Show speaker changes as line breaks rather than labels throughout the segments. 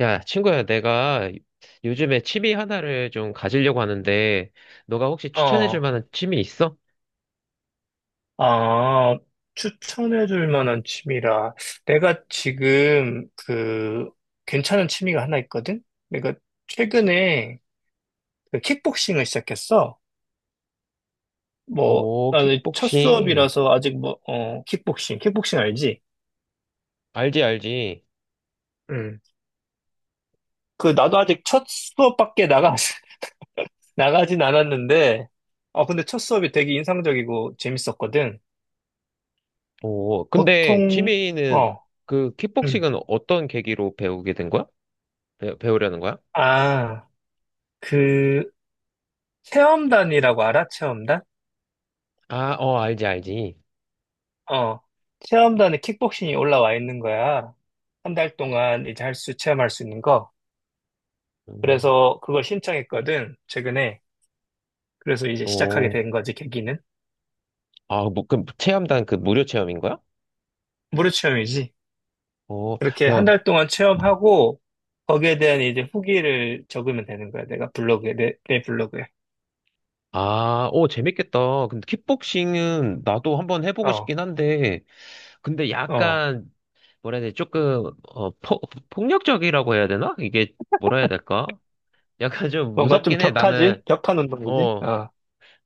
야, 친구야, 내가 요즘에 취미 하나를 좀 가지려고 하는데, 너가 혹시 추천해줄
어,
만한 취미 있어?
아, 추천해줄 만한 취미라. 내가 지금 그 괜찮은 취미가 하나 있거든? 내가 최근에 그 킥복싱을 시작했어. 뭐,
오,
나는 첫
킥복싱.
수업이라서 아직 뭐, 킥복싱 알지?
알지, 알지.
응. 그, 나도 아직 나가진 않았는데, 근데 첫 수업이 되게 인상적이고 재밌었거든.
오, 근데
보통,
취미는,
어,
그,
응.
킥복싱은 어떤 계기로 배우게 된 거야? 배우려는 거야?
아, 그, 체험단이라고 알아? 체험단?
아, 어, 알지, 알지.
어. 체험단에 킥복싱이 올라와 있는 거야. 한 달 동안 이제 체험할 수 있는 거.
음,
그래서 그걸 신청했거든, 최근에. 그래서 이제 시작하게
오,
된 거지, 계기는.
아, 뭐, 그, 체험단 그 무료 체험인 거야?
무료 체험이지.
어,
그렇게 한
야,
달 동안 체험하고, 거기에 대한 이제 후기를 적으면 되는 거야. 내가 블로그에, 내 블로그에.
아, 오, 재밌겠다. 근데 킥복싱은 나도 한번 해보고
어,
싶긴 한데, 근데
어.
약간 뭐라 해야 돼? 조금 폭력적이라고 해야 되나? 이게 뭐라 해야 될까? 약간 좀
뭔가 좀
무섭긴 해. 나는
격하지? 격한 운동이지?
어
어,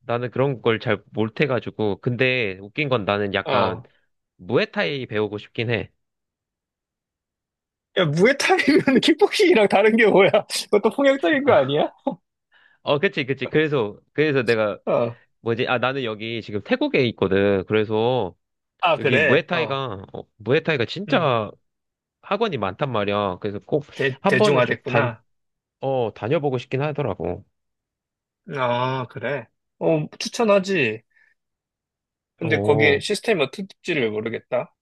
나는 그런 걸 잘 못해가지고. 근데 웃긴 건 나는 약간
어.
무에타이 배우고 싶긴 해.
야, 무에타이면 킥복싱이랑 다른 게 뭐야? 그것도 폭력적인 거 아니야?
어, 그치, 그치. 그래서 내가,
어,
뭐지, 아, 나는 여기 지금 태국에 있거든. 그래서,
아,
여기
그래.
무에타이가
음,
진짜 학원이 많단 말이야. 그래서 꼭
대,
한 번은 좀 단,
대중화됐구나.
어, 다녀보고 싶긴 하더라고.
아, 그래. 추천하지. 근데 거기
어,
시스템이 어떨지를 모르겠다.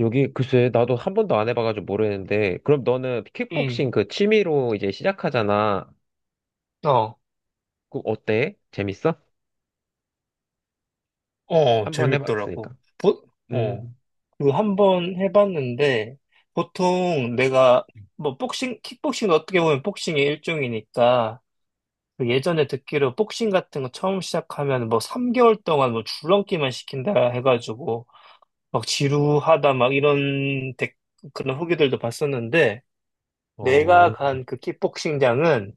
여기 글쎄 나도 한 번도 안 해봐가지고 모르는데 그럼 너는
응.
킥복싱 그 취미로 이제 시작하잖아.
어,
그 어때? 재밌어? 한 번
재밌더라고.
해봤으니까.
보, 어,
음.
그 한 번 해봤는데, 보통 내가, 뭐, 복싱, 킥복싱 어떻게 보면 복싱의 일종이니까, 그 예전에 듣기로 복싱 같은 거 처음 시작하면 뭐 3개월 동안 뭐 줄넘기만 시킨다 해가지고, 막 지루하다, 그런 후기들도 봤었는데, 내가
어.
간 그 킥복싱장은,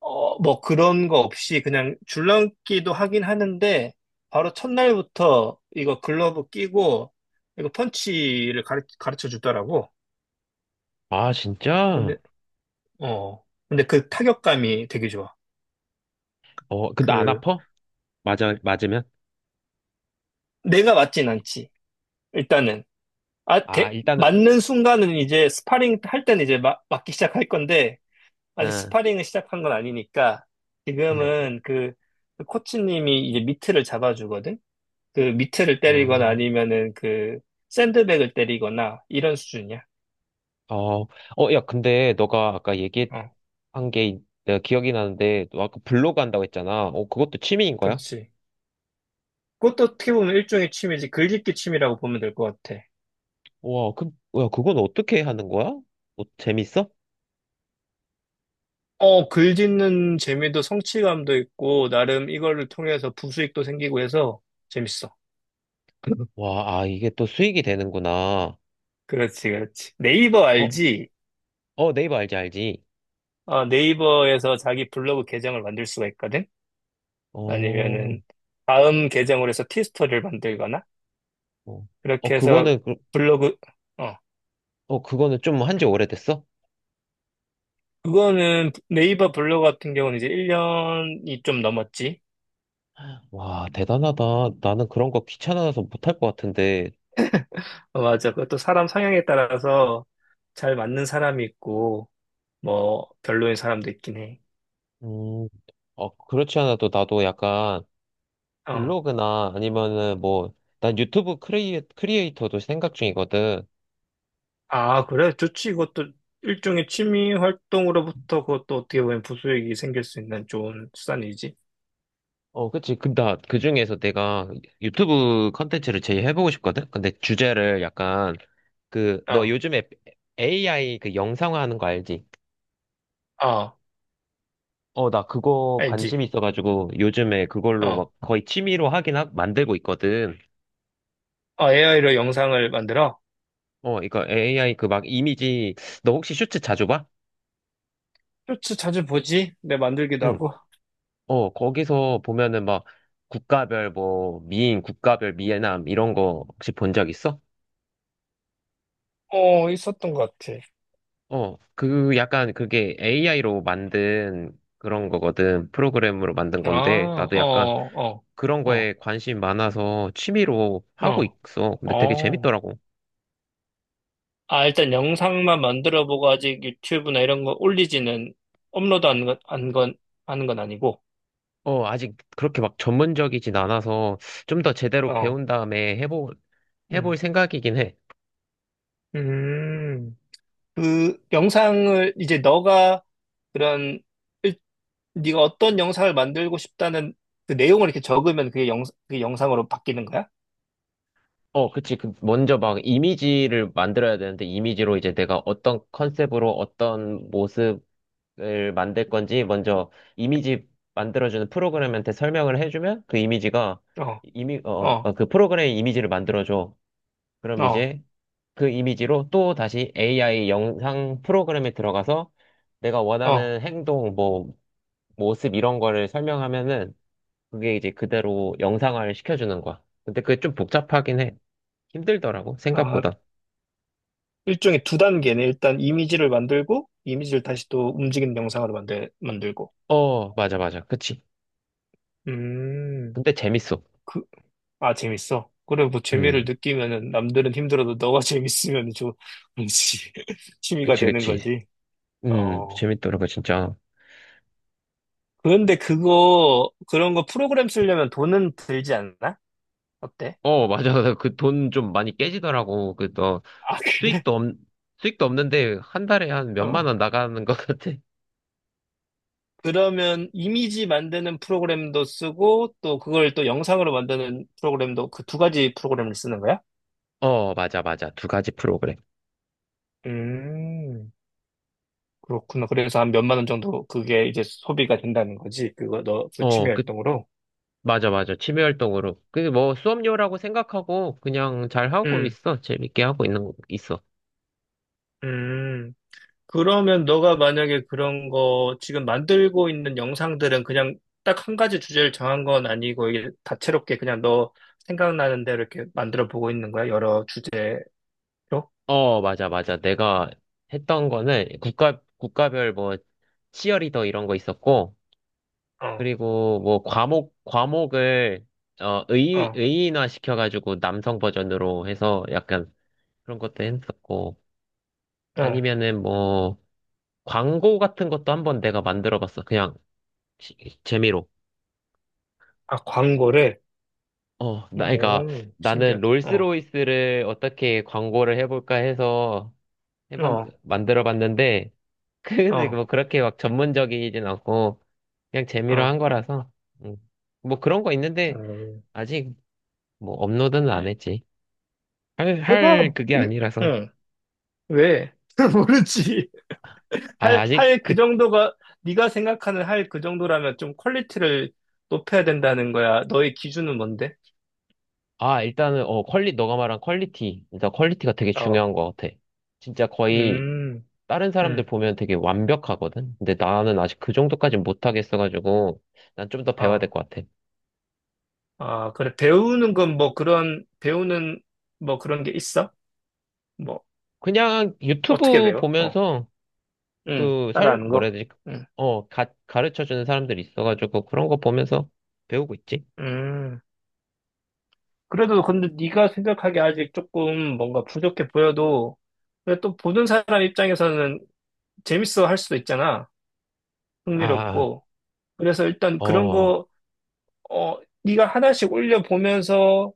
뭐 그런 거 없이 그냥 줄넘기도 하긴 하는데, 바로 첫날부터 이거 글러브 끼고, 이거 펀치를 가르쳐 주더라고.
아 진짜?
근데, 근데 그 타격감이 되게 좋아.
어. 근데 안
그,
아파? 맞아 맞으면?
내가 맞진 않지. 일단은.
아 일단은.
맞는 순간은 이제 스파링 할 때는 이제 막, 맞기 시작할 건데, 아직
응.
스파링을 시작한 건 아니니까 지금은 그 코치님이 이제 미트를 잡아주거든? 그 미트를
어.
때리거나 아니면은 그 샌드백을 때리거나 이런 수준이야.
어. 어. 야 근데 너가 아까 얘기한
어,
게 내가 기억이 나는데 너 아까 블로그 한다고 했잖아. 어 그것도 취미인 거야?
그렇지. 그것도 어떻게 보면 일종의 취미지. 글짓기 취미라고 보면 될 것 같아.
와. 그. 야 그건 어떻게 하는 거야? 뭐 재밌어?
글짓는 재미도 성취감도 있고 나름 이거를 통해서 부수익도 생기고 해서 재밌어.
와, 아, 이게 또 수익이 되는구나.
그렇지, 그렇지. 네이버
어,
알지?
어, 네이버 알지, 알지.
네이버에서 자기 블로그 계정을 만들 수가 있거든?
어,
아니면은 다음 계정으로 해서 티스토리를 만들거나
어, 어,
그렇게 해서 블로그 어
어, 그거는 좀 한지 오래됐어?
그거는 네이버 블로그 같은 경우는 이제 1년이 좀 넘었지.
와, 대단하다. 나는 그런 거 귀찮아서 못할 것 같은데.
어, 맞아. 그것도 사람 성향에 따라서 잘 맞는 사람이 있고 뭐 별로인 사람도 있긴 해.
음, 어, 그렇지 않아도 나도 약간
어.
블로그나 아니면은 뭐, 난 유튜브 크리에이터도 생각 중이거든.
아, 그래? 좋지. 이것도 일종의 취미 활동으로부터 그것도 어떻게 보면 부수익이 생길 수 있는 좋은 수단이지.
어, 그치. 그, 나, 그 중에서 내가 유튜브 컨텐츠를 제일 해보고 싶거든? 근데 주제를 약간 그, 너
어.
요즘에 AI 그 영상화하는 거 알지?
어.
어, 나 그거 관심
알지.
있어가지고 요즘에 그걸로 막
어.
거의 만들고 있거든.
어, AI로 영상을 만들어?
어, 이거 AI 그 막 이미지, 너 혹시 슈츠 자주 봐?
쇼츠 자주 보지? 내 만들기도
응.
하고.
어, 거기서 보면은 막 국가별 미애남 이런 거 혹시 본 적 있어?
어, 있었던 것 같아.
어, 그 약간 그게 AI로 만든 그런 거거든. 프로그램으로 만든
아,
건데
어,
나도 약간
어,
그런
어,
거에 관심 많아서 취미로 하고
어,
있어. 근데 되게
어.
재밌더라고.
아, 일단 영상만 만들어 보고 아직 유튜브나 이런 거 올리지는 업로드 안 건, 하는 건 아니고.
어, 아직 그렇게 막 전문적이진 않아서 좀 더 제대로
어,
배운 다음에 해볼
음,
생각이긴 해.
음. 그 영상을 이제 너가 그런 일- 네가 어떤 영상을 만들고 싶다는 그 내용을 이렇게 적으면 그게 영상으로 바뀌는 거야?
어, 그치. 그 먼저 막 이미지를 만들어야 되는데, 이미지로 이제 내가 어떤 컨셉으로 어떤 모습을 만들 건지 먼저 이미지 만들어주는 프로그램한테 설명을 해주면 그 이미지가,
어,
이미, 어, 어,
어,
어, 그 프로그램 이미지를 만들어줘. 그럼
어,
이제 그 이미지로 또 다시 AI 영상 프로그램에 들어가서 내가
어.
원하는 행동, 뭐, 모습 이런 거를 설명하면은 그게 이제 그대로 영상화를 시켜주는 거야. 근데 그게 좀 복잡하긴 해. 힘들더라고,
어,
생각보다.
일종의 두 단계네. 일단 이미지를 만들고, 이미지를 다시 또 움직이는 영상으로 만들고.
어, 맞아, 맞아. 그치.
음,
근데 재밌어.
그, 아, 재밌어. 그래, 뭐, 재미를
음,
느끼면은, 남들은 힘들어도 너가 재밌으면 좀, 뭔지 취미가
그치,
되는
그치.
거지. 어.
재밌더라고, 진짜.
그런데 그런 거 프로그램 쓰려면 돈은 들지 않나? 어때?
어, 맞아. 그 돈 좀 많이 깨지더라고. 그, 너,
아, 그래?
수익도 없, 수익도 없는데 한 달에 한 몇만
어.
원 나가는 것 같아.
그러면 이미지 만드는 프로그램도 쓰고, 또 그걸 또 영상으로 만드는 프로그램도 그 두 가지 프로그램을 쓰는 거야?
어, 맞아, 맞아. 두 가지 프로그램.
음. 그렇구나. 그래서 한 몇만 원 정도 그게 이제 소비가 된다는 거지. 그
어,
취미
그,
활동으로.
맞아, 맞아. 취미 활동으로. 그, 뭐, 수업료라고 생각하고, 그냥 잘 하고
음,
있어. 재밌게 하고 있는, 거 있어.
음. 그러면 너가 만약에 그런 거 지금 만들고 있는 영상들은 그냥 딱 한 가지 주제를 정한 건 아니고 이게 다채롭게 그냥 너 생각나는 대로 이렇게 만들어 보고 있는 거야? 여러 주제로?
어, 맞아, 맞아. 내가 했던 거는 국가별 뭐, 치어리더 이런 거 있었고,
어,
그리고 뭐, 과목을,
어,
의인화 시켜가지고 남성 버전으로 해서 약간 그런 것도 했었고,
어.
아니면은 뭐, 광고 같은 것도 한번 내가 만들어 봤어. 그냥 재미로.
아, 광고를?
어, 나, 그러니까
오,
나는
신기하다. 어,
롤스로이스를 어떻게 광고를 해볼까 해서
어,
만들어 봤는데, 근데
어,
뭐 그렇게 막 전문적이진 않고, 그냥 재미로 한
어.
거라서, 음. 뭐 그런 거 있는데,
어.
아직 뭐 업로드는 안 했지. 할
해봐.
그게 아니라서.
응. 왜? 모르지.
아,
할,
아직
할
그,
그 정도가, 네가 생각하는 할 그 정도라면 좀 퀄리티를 높여야 된다는 거야. 너의 기준은 뭔데?
아, 일단은, 어, 너가 말한 퀄리티. 일단 퀄리티가 되게
어,
중요한 것 같아. 진짜 거의
음,
다른 사람들
음,
보면 되게 완벽하거든? 근데 나는 아직 그 정도까는 못하겠어가지고, 난 좀 더 배워야
어,
될 것 같아.
아, 그래. 배우는 건 배우는 뭐 그런 게 있어? 뭐,
그냥
어떻게
유튜브
배워?
보면서,
따라하는
뭐라
거?
해야 되지?
음,
어, 가르쳐주는 사람들이 있어가지고, 그런 거 보면서 배우고 있지?
음. 그래도 근데 네가 생각하기에 아직 조금 뭔가 부족해 보여도, 근데 또 보는 사람 입장에서는 재밌어 할 수도 있잖아.
아,
흥미롭고. 그래서 일단 그런
어,
거, 네가 하나씩 올려보면서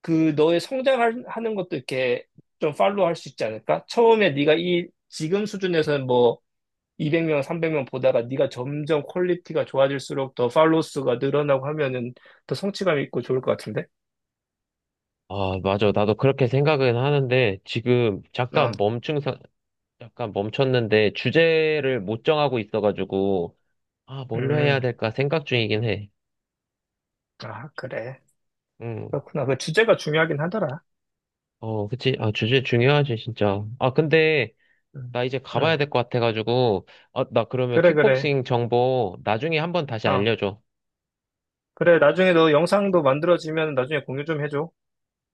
그 너의 성장하는 것도 이렇게 좀 팔로우 할 수 있지 않을까? 처음에 네가 이 지금 수준에서는 뭐 200명, 300명 보다가 네가 점점 퀄리티가 좋아질수록 더 팔로우 수가 늘어나고 하면은 더 성취감 있고 좋을 것 같은데?
아, 맞아. 나도 그렇게 생각은 하는데, 지금
아,
잠깐 멈춘, 사- 잠깐 멈췄는데, 주제를 못 정하고 있어가지고, 아, 뭘로 해야
음,
될까 생각 중이긴 해.
아, 그래.
음.
그렇구나. 그 주제가 중요하긴 하더라.
어, 그치. 아, 주제 중요하지, 진짜. 아, 근데,
음,
나 이제 가봐야
음.
될 것 같아가지고, 어, 나 그러면
그래, 그래.
킥복싱 정보 나중에 한번 다시
어,
알려줘.
그래. 나중에 너 영상도 만들어지면 나중에 공유 좀 해줘.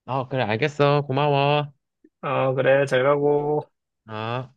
아, 그래, 알겠어. 고마워.
어, 그래. 잘 가고.
아.